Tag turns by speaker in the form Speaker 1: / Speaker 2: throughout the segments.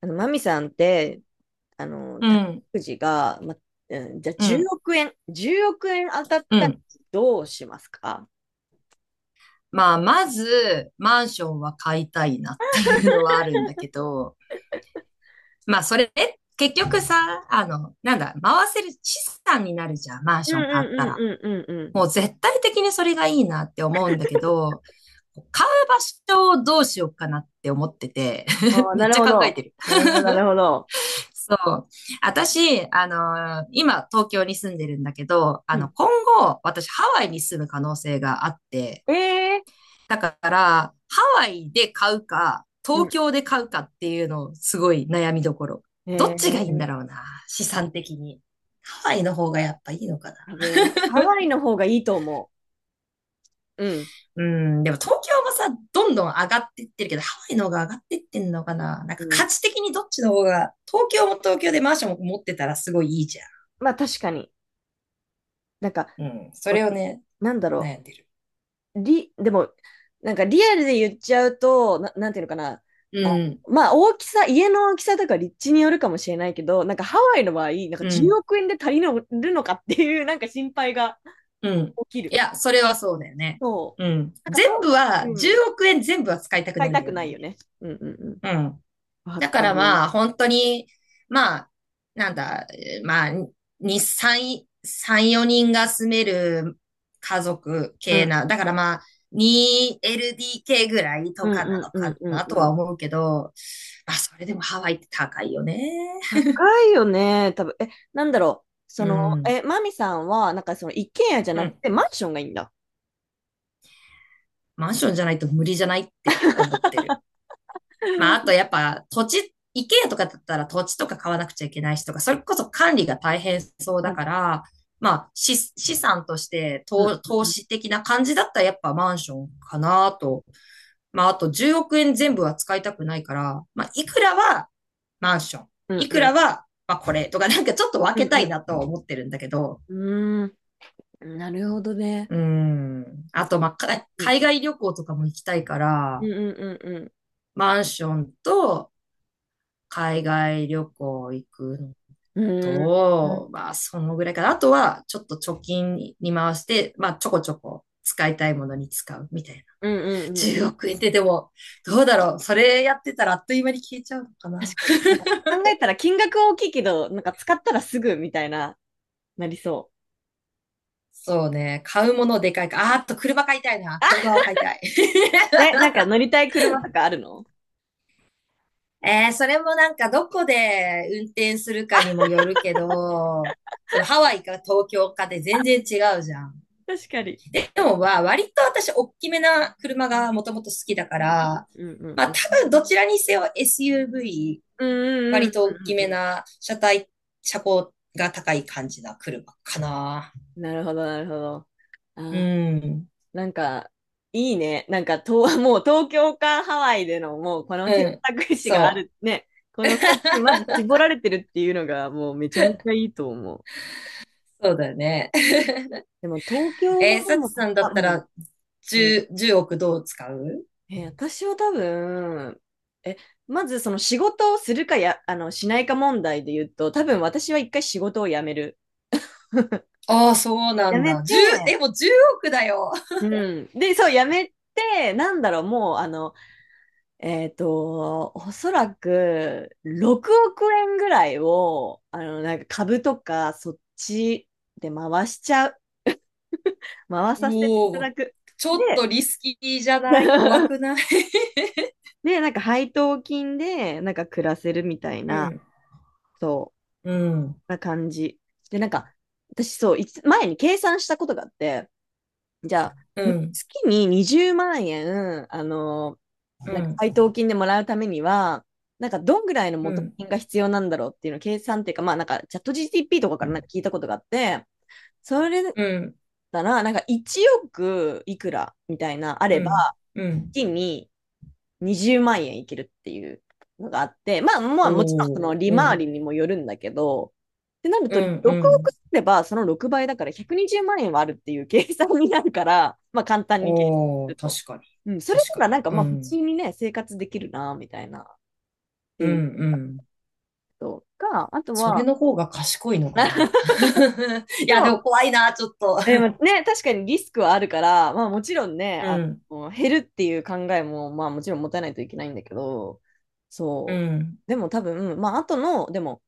Speaker 1: マミさんって、
Speaker 2: う
Speaker 1: 宝
Speaker 2: ん、
Speaker 1: くじが、じゃあ
Speaker 2: う
Speaker 1: 10
Speaker 2: ん、
Speaker 1: 億円、10億円当たっ
Speaker 2: う
Speaker 1: たら
Speaker 2: ん。
Speaker 1: どうしますか？
Speaker 2: まあ、まず、マンションは買いたいなっていうのはあるんだけど、まあ、それ、結局さ、あの、なんだ、回せる資産になるじゃん、マン
Speaker 1: うん
Speaker 2: シ
Speaker 1: う
Speaker 2: ョン買っ
Speaker 1: んう
Speaker 2: たら。
Speaker 1: んうんうんうん。
Speaker 2: もう絶対的にそれがいいなって思うんだけど、買う場所をどうしようかなって思ってて、
Speaker 1: あ あ、
Speaker 2: め
Speaker 1: な
Speaker 2: っ
Speaker 1: る
Speaker 2: ちゃ
Speaker 1: ほ
Speaker 2: 考えて
Speaker 1: ど。
Speaker 2: る。
Speaker 1: なるほど、なるほど。
Speaker 2: そう。私、今東京に住んでるんだけど、
Speaker 1: うん。
Speaker 2: 今後、私ハワイに住む可能性があって、
Speaker 1: ええ。
Speaker 2: だから、ハワイで買うか、
Speaker 1: う
Speaker 2: 東
Speaker 1: ん。
Speaker 2: 京で買うかっていうの、すごい悩みどころ。どっちがいいんだ
Speaker 1: え
Speaker 2: ろうな、資産的に。ハワイの方がやっぱいいのかな。
Speaker 1: ー、多分、ハワイの方がいいと思う。うん。
Speaker 2: うん、でも東京もさ、どんどん上がってってるけど、ハワイの方が上がってってんのかな。なん
Speaker 1: う
Speaker 2: か価
Speaker 1: ん。
Speaker 2: 値的にどっちの方が、東京も東京でマンションも持ってたらすごいいいじゃ
Speaker 1: まあ確かに。なんか、
Speaker 2: ん。うん、それ
Speaker 1: わ
Speaker 2: をね、
Speaker 1: なんだろ
Speaker 2: 悩んでる。
Speaker 1: う。り、でも、なんかリアルで言っちゃうと、なんていうのかな。
Speaker 2: うん、
Speaker 1: まあ大きさ、家の大きさとか立地によるかもしれないけど、なんかハワイの場合、なんか
Speaker 2: う
Speaker 1: 10
Speaker 2: ん、
Speaker 1: 億円で足りるのかっていうなんか心配が
Speaker 2: うん。
Speaker 1: 起き
Speaker 2: い
Speaker 1: る。
Speaker 2: や、それはそうだよね。
Speaker 1: そう。
Speaker 2: うん。
Speaker 1: なんか
Speaker 2: 全部
Speaker 1: と、
Speaker 2: は、
Speaker 1: うん、
Speaker 2: 10億円全部は使いたく
Speaker 1: 使
Speaker 2: な
Speaker 1: い
Speaker 2: いん
Speaker 1: た
Speaker 2: だ
Speaker 1: く
Speaker 2: よ
Speaker 1: ないよ
Speaker 2: ね。
Speaker 1: ね。うんうんう
Speaker 2: うん。
Speaker 1: ん。わ
Speaker 2: だか
Speaker 1: か
Speaker 2: ら
Speaker 1: る。
Speaker 2: まあ、本当に、まあ、なんだ、まあ、三、四人が住める家族
Speaker 1: う
Speaker 2: 系
Speaker 1: ん
Speaker 2: な、だからまあ、2LDK ぐらい
Speaker 1: う
Speaker 2: と
Speaker 1: ん
Speaker 2: かな
Speaker 1: うん
Speaker 2: の
Speaker 1: うん
Speaker 2: か
Speaker 1: うん
Speaker 2: なと
Speaker 1: う
Speaker 2: は
Speaker 1: ん。
Speaker 2: 思うけど、まあ、それでもハワイって高いよね。
Speaker 1: 高いよね、多分。なんだろう。
Speaker 2: うん。
Speaker 1: マミさんは、なんかその一軒家じゃ
Speaker 2: う
Speaker 1: なく
Speaker 2: ん。
Speaker 1: てマンションがいいんだ。
Speaker 2: マンションじゃないと無理じゃないって思ってる。まあ、あと やっぱ土地、イケアとかだったら土地とか買わなくちゃいけないしとか、それこそ管理が大変そう
Speaker 1: あ
Speaker 2: だから、まあ、資産として
Speaker 1: うんう
Speaker 2: 投
Speaker 1: んうん
Speaker 2: 資的な感じだったらやっぱマンションかなと。まあ、あと10億円全部は使いたくないから、まあ、いくらはマンション、
Speaker 1: うん
Speaker 2: いく
Speaker 1: う
Speaker 2: ら
Speaker 1: ん
Speaker 2: は、まあ、これとか、なんかちょっと
Speaker 1: う
Speaker 2: 分けたい
Speaker 1: ん
Speaker 2: なとは思ってるんだけど、
Speaker 1: うん。うーん、なるほどね。
Speaker 2: うん。あと、まあ、
Speaker 1: うん
Speaker 2: 海外旅行とかも行きたいか
Speaker 1: う
Speaker 2: ら、
Speaker 1: んうんうんうん。
Speaker 2: マンションと海外旅行行くの
Speaker 1: うーん。うん
Speaker 2: と、まあ、そのぐらいかな。あとは、ちょっと貯金に回して、まあ、ちょこちょこ使いたいものに使うみたいな。
Speaker 1: うんうんうん。
Speaker 2: 10億円ってでも、どうだろう。それやってたらあっという間に消えちゃうのか
Speaker 1: 確
Speaker 2: な。
Speaker 1: かに。なんか考えたら金額は大きいけど、なんか使ったらすぐみたいな、なりそ
Speaker 2: そうね。買うものでかいか。あーっと、車買いたいな。車を買いたい。
Speaker 1: う。ね、なんか乗りたい車とかあるの？
Speaker 2: それもなんか、どこで運転するかにもよるけど、そのハワイか東京かで全然違うじゃん。
Speaker 1: 確かに。
Speaker 2: でもは、割と私、大きめな車がもともと好きだから、
Speaker 1: うんうん
Speaker 2: ま
Speaker 1: う
Speaker 2: あ、
Speaker 1: ん。
Speaker 2: 多分どちらにせよ SUV、
Speaker 1: うんう
Speaker 2: 割
Speaker 1: ん
Speaker 2: と
Speaker 1: う
Speaker 2: 大き
Speaker 1: んう
Speaker 2: め
Speaker 1: んう
Speaker 2: な車体、車高が高い感じな車かな。
Speaker 1: ん。なるほど、なるほど。
Speaker 2: う
Speaker 1: あ
Speaker 2: ん。
Speaker 1: なんか、いいね。もう東京かハワイでの、もうこの
Speaker 2: う
Speaker 1: 選
Speaker 2: ん。
Speaker 1: 択肢があ
Speaker 2: そう。
Speaker 1: るね。この2つにまず 絞られてるっていうのが、もうめちゃめちゃいいと思う。
Speaker 2: そうだよね。
Speaker 1: でも東京もで
Speaker 2: サチ
Speaker 1: も、
Speaker 2: さんだ
Speaker 1: あ、
Speaker 2: っ
Speaker 1: う
Speaker 2: た
Speaker 1: ん。
Speaker 2: ら、10、億どう使う？
Speaker 1: えー私は多分、え、まずその仕事をするかや、しないか問題で言うと、多分私は一回仕事を辞める。
Speaker 2: ああ、そうな
Speaker 1: や
Speaker 2: ん
Speaker 1: め
Speaker 2: だ。
Speaker 1: て、
Speaker 2: 1でも10億だよ。
Speaker 1: うん。そう、辞めて、なんだろう、もう、あの、えっと、おそらく、6億円ぐらいを、なんか株とか、そっちで回しちゃう。回
Speaker 2: う
Speaker 1: させてい
Speaker 2: お
Speaker 1: ただ
Speaker 2: お、
Speaker 1: く。
Speaker 2: ちょっ
Speaker 1: で、
Speaker 2: とリスキーじゃない？怖 くない？
Speaker 1: で、なんか配当金で、なんか暮らせるみたい
Speaker 2: う
Speaker 1: な、
Speaker 2: ん。
Speaker 1: そう。
Speaker 2: うん。
Speaker 1: な感じ。で、なんか、私そう、いつ前に計算したことがあって、じゃ
Speaker 2: う
Speaker 1: あ、
Speaker 2: ん。
Speaker 1: 月に20万円、あの
Speaker 2: う
Speaker 1: なんか
Speaker 2: ん、
Speaker 1: 配当金でもらうためには、なんかどんぐらいの
Speaker 2: う
Speaker 1: 元
Speaker 2: ん、
Speaker 1: 金が必要なんだろうっていうのを計算っていうか、まあなんかチャット GTP とかからなんか聞いたことがあって、それだっ
Speaker 2: うん、
Speaker 1: たら、なんか1億いくらみたいな、あれ
Speaker 2: う
Speaker 1: ば、
Speaker 2: ん、うん。
Speaker 1: 月に20万円いけるっていうのがあって、まあまあもちろんそ
Speaker 2: ほう、
Speaker 1: の利
Speaker 2: う
Speaker 1: 回
Speaker 2: ん、
Speaker 1: りにもよるんだけど、ってなる
Speaker 2: う
Speaker 1: と
Speaker 2: ん、う
Speaker 1: 6億
Speaker 2: ん。
Speaker 1: すればその6倍だから120万円はあるっていう計算になるから、まあ簡単に計算す
Speaker 2: おー、
Speaker 1: ると。
Speaker 2: 確かに、
Speaker 1: うん、それ
Speaker 2: 確か
Speaker 1: なら
Speaker 2: に。
Speaker 1: なんか
Speaker 2: う
Speaker 1: まあ普通
Speaker 2: ん、
Speaker 1: にね、生活できるな、みたいなっ
Speaker 2: う
Speaker 1: て
Speaker 2: ん、
Speaker 1: いう
Speaker 2: うん。
Speaker 1: ことか、あと
Speaker 2: それ
Speaker 1: は、
Speaker 2: の方が賢いのかな。い
Speaker 1: で
Speaker 2: や、で
Speaker 1: も
Speaker 2: も怖いな、ちょっと。
Speaker 1: でもね、確かにリスクはあるから、まあもちろんね、
Speaker 2: うん、
Speaker 1: 減るっていう考えも、まあもちろん持たないといけないんだけど、
Speaker 2: う
Speaker 1: そう。
Speaker 2: ん、
Speaker 1: でも多分、まああとの、でも、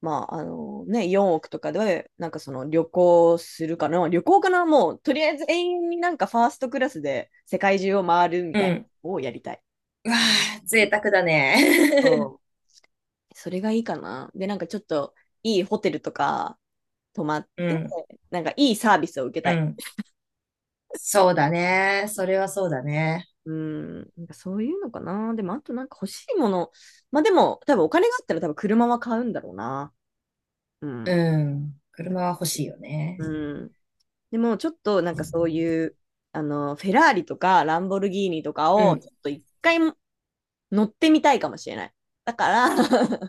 Speaker 1: まああのね、4億とかで、なんかその旅行するかな、旅行かな、もうとりあえず永遠になんかファーストクラスで世界中を回るみ
Speaker 2: う
Speaker 1: たい
Speaker 2: ん。
Speaker 1: なのをやりたい。
Speaker 2: うわあ、贅沢だね。
Speaker 1: そう。それがいいかな。で、なんかちょっといいホテルとか泊まっ
Speaker 2: う
Speaker 1: て、
Speaker 2: ん、
Speaker 1: なんかいいサービスを受け
Speaker 2: う
Speaker 1: たい。
Speaker 2: ん。そうだね。それはそうだね。
Speaker 1: うん、なんかそういうのかな。でも、あとなんか欲しいもの。まあでも、多分お金があったら多分車は買うんだろうな。うん。
Speaker 2: うん。
Speaker 1: 多
Speaker 2: 車
Speaker 1: 分
Speaker 2: は欲しいよね。
Speaker 1: うん。でも、ちょっとなんかそういう、あの、フェラーリとかランボルギーニとか
Speaker 2: う
Speaker 1: を、ち
Speaker 2: ん。
Speaker 1: ょっと一回乗ってみたいかもしれない。だから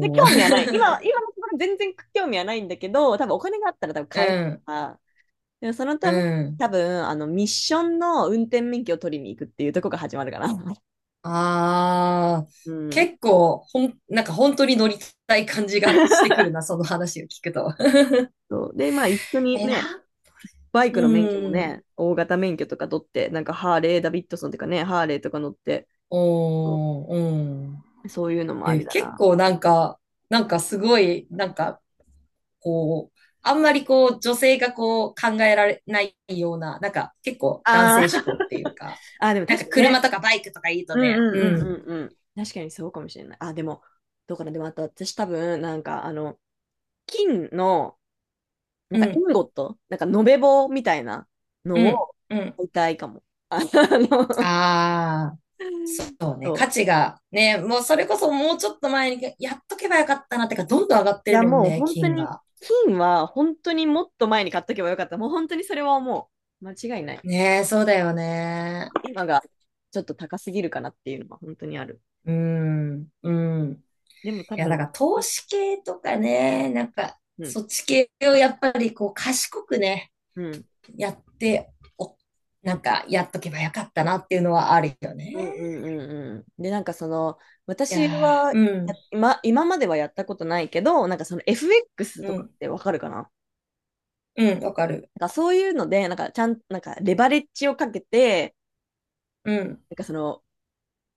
Speaker 1: で、
Speaker 2: ー。
Speaker 1: 興味はない。今 のところ全然興味はないんだけど、多分お金があったら多分
Speaker 2: う
Speaker 1: 買える
Speaker 2: ん、
Speaker 1: から。でもその
Speaker 2: う
Speaker 1: ため、
Speaker 2: ん。
Speaker 1: 多分、あの、ミッションの運転免許を取りに行くっていうところが始まるかな。
Speaker 2: ああ、
Speaker 1: うん。
Speaker 2: 結構、なんか本当に乗りたい感じがしてくるな、その話を聞くと。
Speaker 1: そう。で、まあ一緒に
Speaker 2: え
Speaker 1: ね、
Speaker 2: ら
Speaker 1: バイ
Speaker 2: う
Speaker 1: クの免許も
Speaker 2: ん。
Speaker 1: ね、大型免許とか取って、なんかハーレー、ダビッドソンとかね、ハーレーとか乗って、そ
Speaker 2: おー、うん。
Speaker 1: うそういうのもあ
Speaker 2: え、
Speaker 1: りだ
Speaker 2: 結
Speaker 1: な。
Speaker 2: 構なんか、なんかすごい、なんか、こう、あんまりこう、女性がこう、考えられないような、なんか結構男
Speaker 1: あ
Speaker 2: 性
Speaker 1: ー
Speaker 2: 思考っていうか、
Speaker 1: あー、でも
Speaker 2: なん
Speaker 1: 確
Speaker 2: か
Speaker 1: かに
Speaker 2: 車
Speaker 1: ね。
Speaker 2: とかバイクとかいい
Speaker 1: う
Speaker 2: と
Speaker 1: ん
Speaker 2: ね、
Speaker 1: うんうん
Speaker 2: うん、
Speaker 1: うんうん。確かにそうかもしれない。あ、でも、どうかな。でもあと私多分、金の、なん
Speaker 2: う
Speaker 1: かイ
Speaker 2: ん、
Speaker 1: ンゴット、なんか延べ棒みたいな
Speaker 2: う
Speaker 1: の
Speaker 2: ん、
Speaker 1: を
Speaker 2: うん。
Speaker 1: 買いたいかも。ああの、
Speaker 2: ああ。そうね、
Speaker 1: そ
Speaker 2: 価値
Speaker 1: う。
Speaker 2: がね、もうそれこそもうちょっと前にやっとけばよかったなってか、どんどん上がって
Speaker 1: い
Speaker 2: る
Speaker 1: や、
Speaker 2: もん
Speaker 1: もう
Speaker 2: ね、
Speaker 1: 本当
Speaker 2: 金
Speaker 1: に、
Speaker 2: が。
Speaker 1: 金は本当にもっと前に買っとけばよかった。もう本当にそれはもう。間違いない。
Speaker 2: ねえ、そうだよね。
Speaker 1: 今がちょっと高すぎるかなっていうのは本当にある。
Speaker 2: うん、うん。
Speaker 1: でも多
Speaker 2: いや、だ
Speaker 1: 分、
Speaker 2: から投資系とかね、なんか、
Speaker 1: うん、
Speaker 2: そっち系をやっぱりこう、賢くね、
Speaker 1: うん、
Speaker 2: やって、お、なんか、やっとけばよかったなっていうのはあるよね。
Speaker 1: うん、うん、うん。うんで、なんかその、
Speaker 2: いや
Speaker 1: 私は
Speaker 2: ー、うん、
Speaker 1: や今、今まではやったことないけど、なんかその FX
Speaker 2: う
Speaker 1: とか
Speaker 2: ん、
Speaker 1: ってわかるかな？
Speaker 2: うん、わかる。
Speaker 1: なんかそういうので、なんかちゃん、なんかレバレッジをかけて、
Speaker 2: うん、
Speaker 1: なんかその、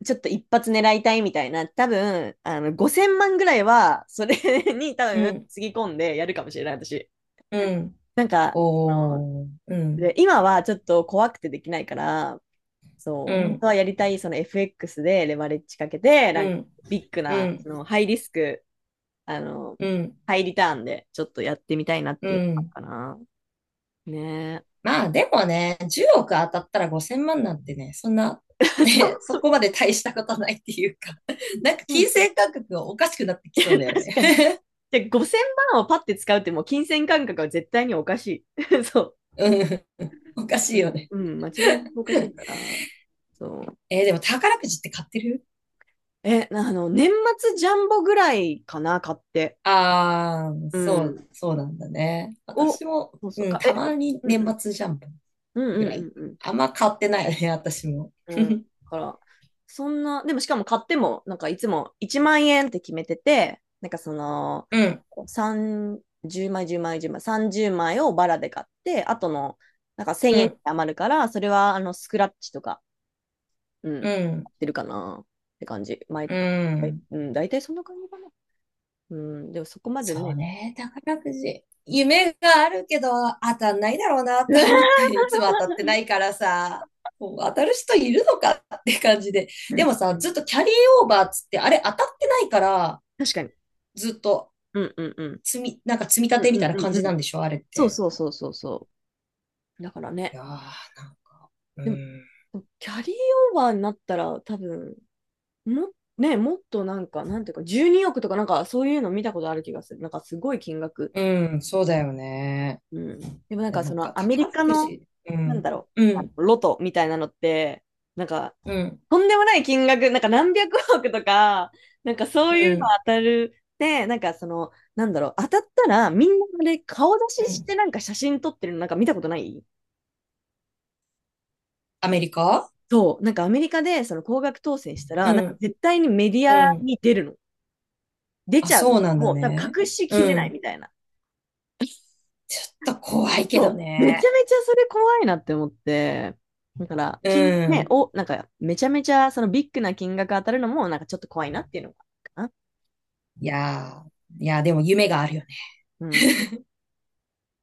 Speaker 1: ちょっと一発狙いたいみたいな、多分、あの、5000万ぐらいは、それ に多
Speaker 2: う
Speaker 1: 分、
Speaker 2: ん、
Speaker 1: つぎ込んでやるかもしれない、私。
Speaker 2: うん。
Speaker 1: なんか、その、
Speaker 2: おー、うん、
Speaker 1: で、今はちょっと怖くてできないから、そ
Speaker 2: う
Speaker 1: う、本当
Speaker 2: ん、
Speaker 1: はやりたい、その FX でレバレッジかけて、
Speaker 2: う
Speaker 1: なんか、
Speaker 2: ん、
Speaker 1: ビッグ
Speaker 2: う
Speaker 1: な、
Speaker 2: ん。
Speaker 1: ハイリスク、あの、
Speaker 2: うん、
Speaker 1: ハイリターンで、ちょっとやってみたいなっ
Speaker 2: う
Speaker 1: ていうの
Speaker 2: ん。
Speaker 1: かな。ね
Speaker 2: まあでもね、10億当たったら5000万なんてね、そんな、
Speaker 1: え。そ
Speaker 2: ね、
Speaker 1: う、
Speaker 2: そこまで大したことないっていうか、なんか
Speaker 1: うん
Speaker 2: 金銭感覚がおかしくなってきそうだよ
Speaker 1: 確
Speaker 2: ね。
Speaker 1: かに。で、5000万をパッて使うって、もう金銭感覚は絶対におかしい。そう。
Speaker 2: うん、おかしいよね。
Speaker 1: うん、間違いなくおかしいから、そう。
Speaker 2: でも宝くじって買ってる？
Speaker 1: え、なあの、年末ジャンボぐらいかな、買って。
Speaker 2: ああー、
Speaker 1: う
Speaker 2: そう、
Speaker 1: ん。
Speaker 2: そうなんだね。
Speaker 1: を、
Speaker 2: 私も、
Speaker 1: そうそう、
Speaker 2: うん、
Speaker 1: か、え、
Speaker 2: たま
Speaker 1: か、
Speaker 2: に
Speaker 1: うんう
Speaker 2: 年
Speaker 1: ん、
Speaker 2: 末ジャンプ
Speaker 1: う
Speaker 2: ぐ
Speaker 1: ん
Speaker 2: ら
Speaker 1: う
Speaker 2: い。
Speaker 1: んうん
Speaker 2: あんま買ってないよね、私も。
Speaker 1: う ん。
Speaker 2: う
Speaker 1: うん。だ
Speaker 2: ん、
Speaker 1: から、そんな、でもしかも買っても、なんかいつも1万円って決めてて、
Speaker 2: うん、
Speaker 1: 3、10枚、10枚、10枚、30枚をバラで買って、あとの、なんか1000円余るから、それはあのスクラッチとかう
Speaker 2: う
Speaker 1: ん、
Speaker 2: ん、
Speaker 1: 出るかなって感じ。毎
Speaker 2: う
Speaker 1: はい
Speaker 2: ん。
Speaker 1: うん、大体そんな感じかな。うん、でもそこまで
Speaker 2: そう
Speaker 1: ね。
Speaker 2: ね、宝くじ。夢があるけど当たんないだろうな と
Speaker 1: 確
Speaker 2: 思って、いつも当たってないからさ、もう当たる人いるのかって感じで。で
Speaker 1: か
Speaker 2: もさ、ずっ
Speaker 1: に。
Speaker 2: とキャリーオーバーっつって、あれ当たってないから、
Speaker 1: 確かに。
Speaker 2: ずっと
Speaker 1: うんうんうん。
Speaker 2: なんか積み立
Speaker 1: うん
Speaker 2: てみ
Speaker 1: う
Speaker 2: たい
Speaker 1: ん
Speaker 2: な
Speaker 1: う
Speaker 2: 感
Speaker 1: んう
Speaker 2: じな
Speaker 1: ん。
Speaker 2: んでしょ、あれっ
Speaker 1: そう
Speaker 2: て。
Speaker 1: そうそうそうそう。だから
Speaker 2: い
Speaker 1: ね。
Speaker 2: やー、う
Speaker 1: でも、
Speaker 2: ん。
Speaker 1: キャリーオーバーになったら多分、も、ね、もっとなんか、なんていうか、12億とかなんかそういうの見たことある気がする。なんかすごい金額。
Speaker 2: うん、そうだよね。
Speaker 1: うん。でもなん
Speaker 2: で
Speaker 1: か
Speaker 2: なん
Speaker 1: その
Speaker 2: か
Speaker 1: アメリ
Speaker 2: 宝
Speaker 1: カ
Speaker 2: く
Speaker 1: の、
Speaker 2: じ。う
Speaker 1: なんだ
Speaker 2: ん、
Speaker 1: ろ
Speaker 2: うん、
Speaker 1: う、ロトみたいなのって、なんか
Speaker 2: うん、
Speaker 1: とんでもない金額、なんか何百億とか、なんかそ
Speaker 2: う
Speaker 1: ういうの
Speaker 2: ん、
Speaker 1: 当たる。で、当たったらみんなで顔出
Speaker 2: う
Speaker 1: しして
Speaker 2: ん。
Speaker 1: なんか写真撮ってるのなんか見たことない？
Speaker 2: アメリカ。
Speaker 1: そう、なんかアメリカでその高額当選した
Speaker 2: う
Speaker 1: ら、なんか
Speaker 2: ん、
Speaker 1: 絶対にメディ
Speaker 2: う
Speaker 1: ア
Speaker 2: ん。
Speaker 1: に出るの。出ち
Speaker 2: あ、
Speaker 1: ゃうの。
Speaker 2: そうなんだ
Speaker 1: もう多分
Speaker 2: ね。
Speaker 1: 隠しきれ
Speaker 2: う
Speaker 1: ない
Speaker 2: ん。
Speaker 1: みたいな。
Speaker 2: ちょっと怖いけど
Speaker 1: そう、めちゃ
Speaker 2: ね。
Speaker 1: めちゃそれ怖いなって思って。だから、
Speaker 2: う
Speaker 1: 金、ね、
Speaker 2: ん。
Speaker 1: お、なんかめちゃめちゃそのビッグな金額当たるのもなんかちょっと怖いなっていうのがあるかな。
Speaker 2: いやー、いやー、でも夢があるよね
Speaker 1: うん。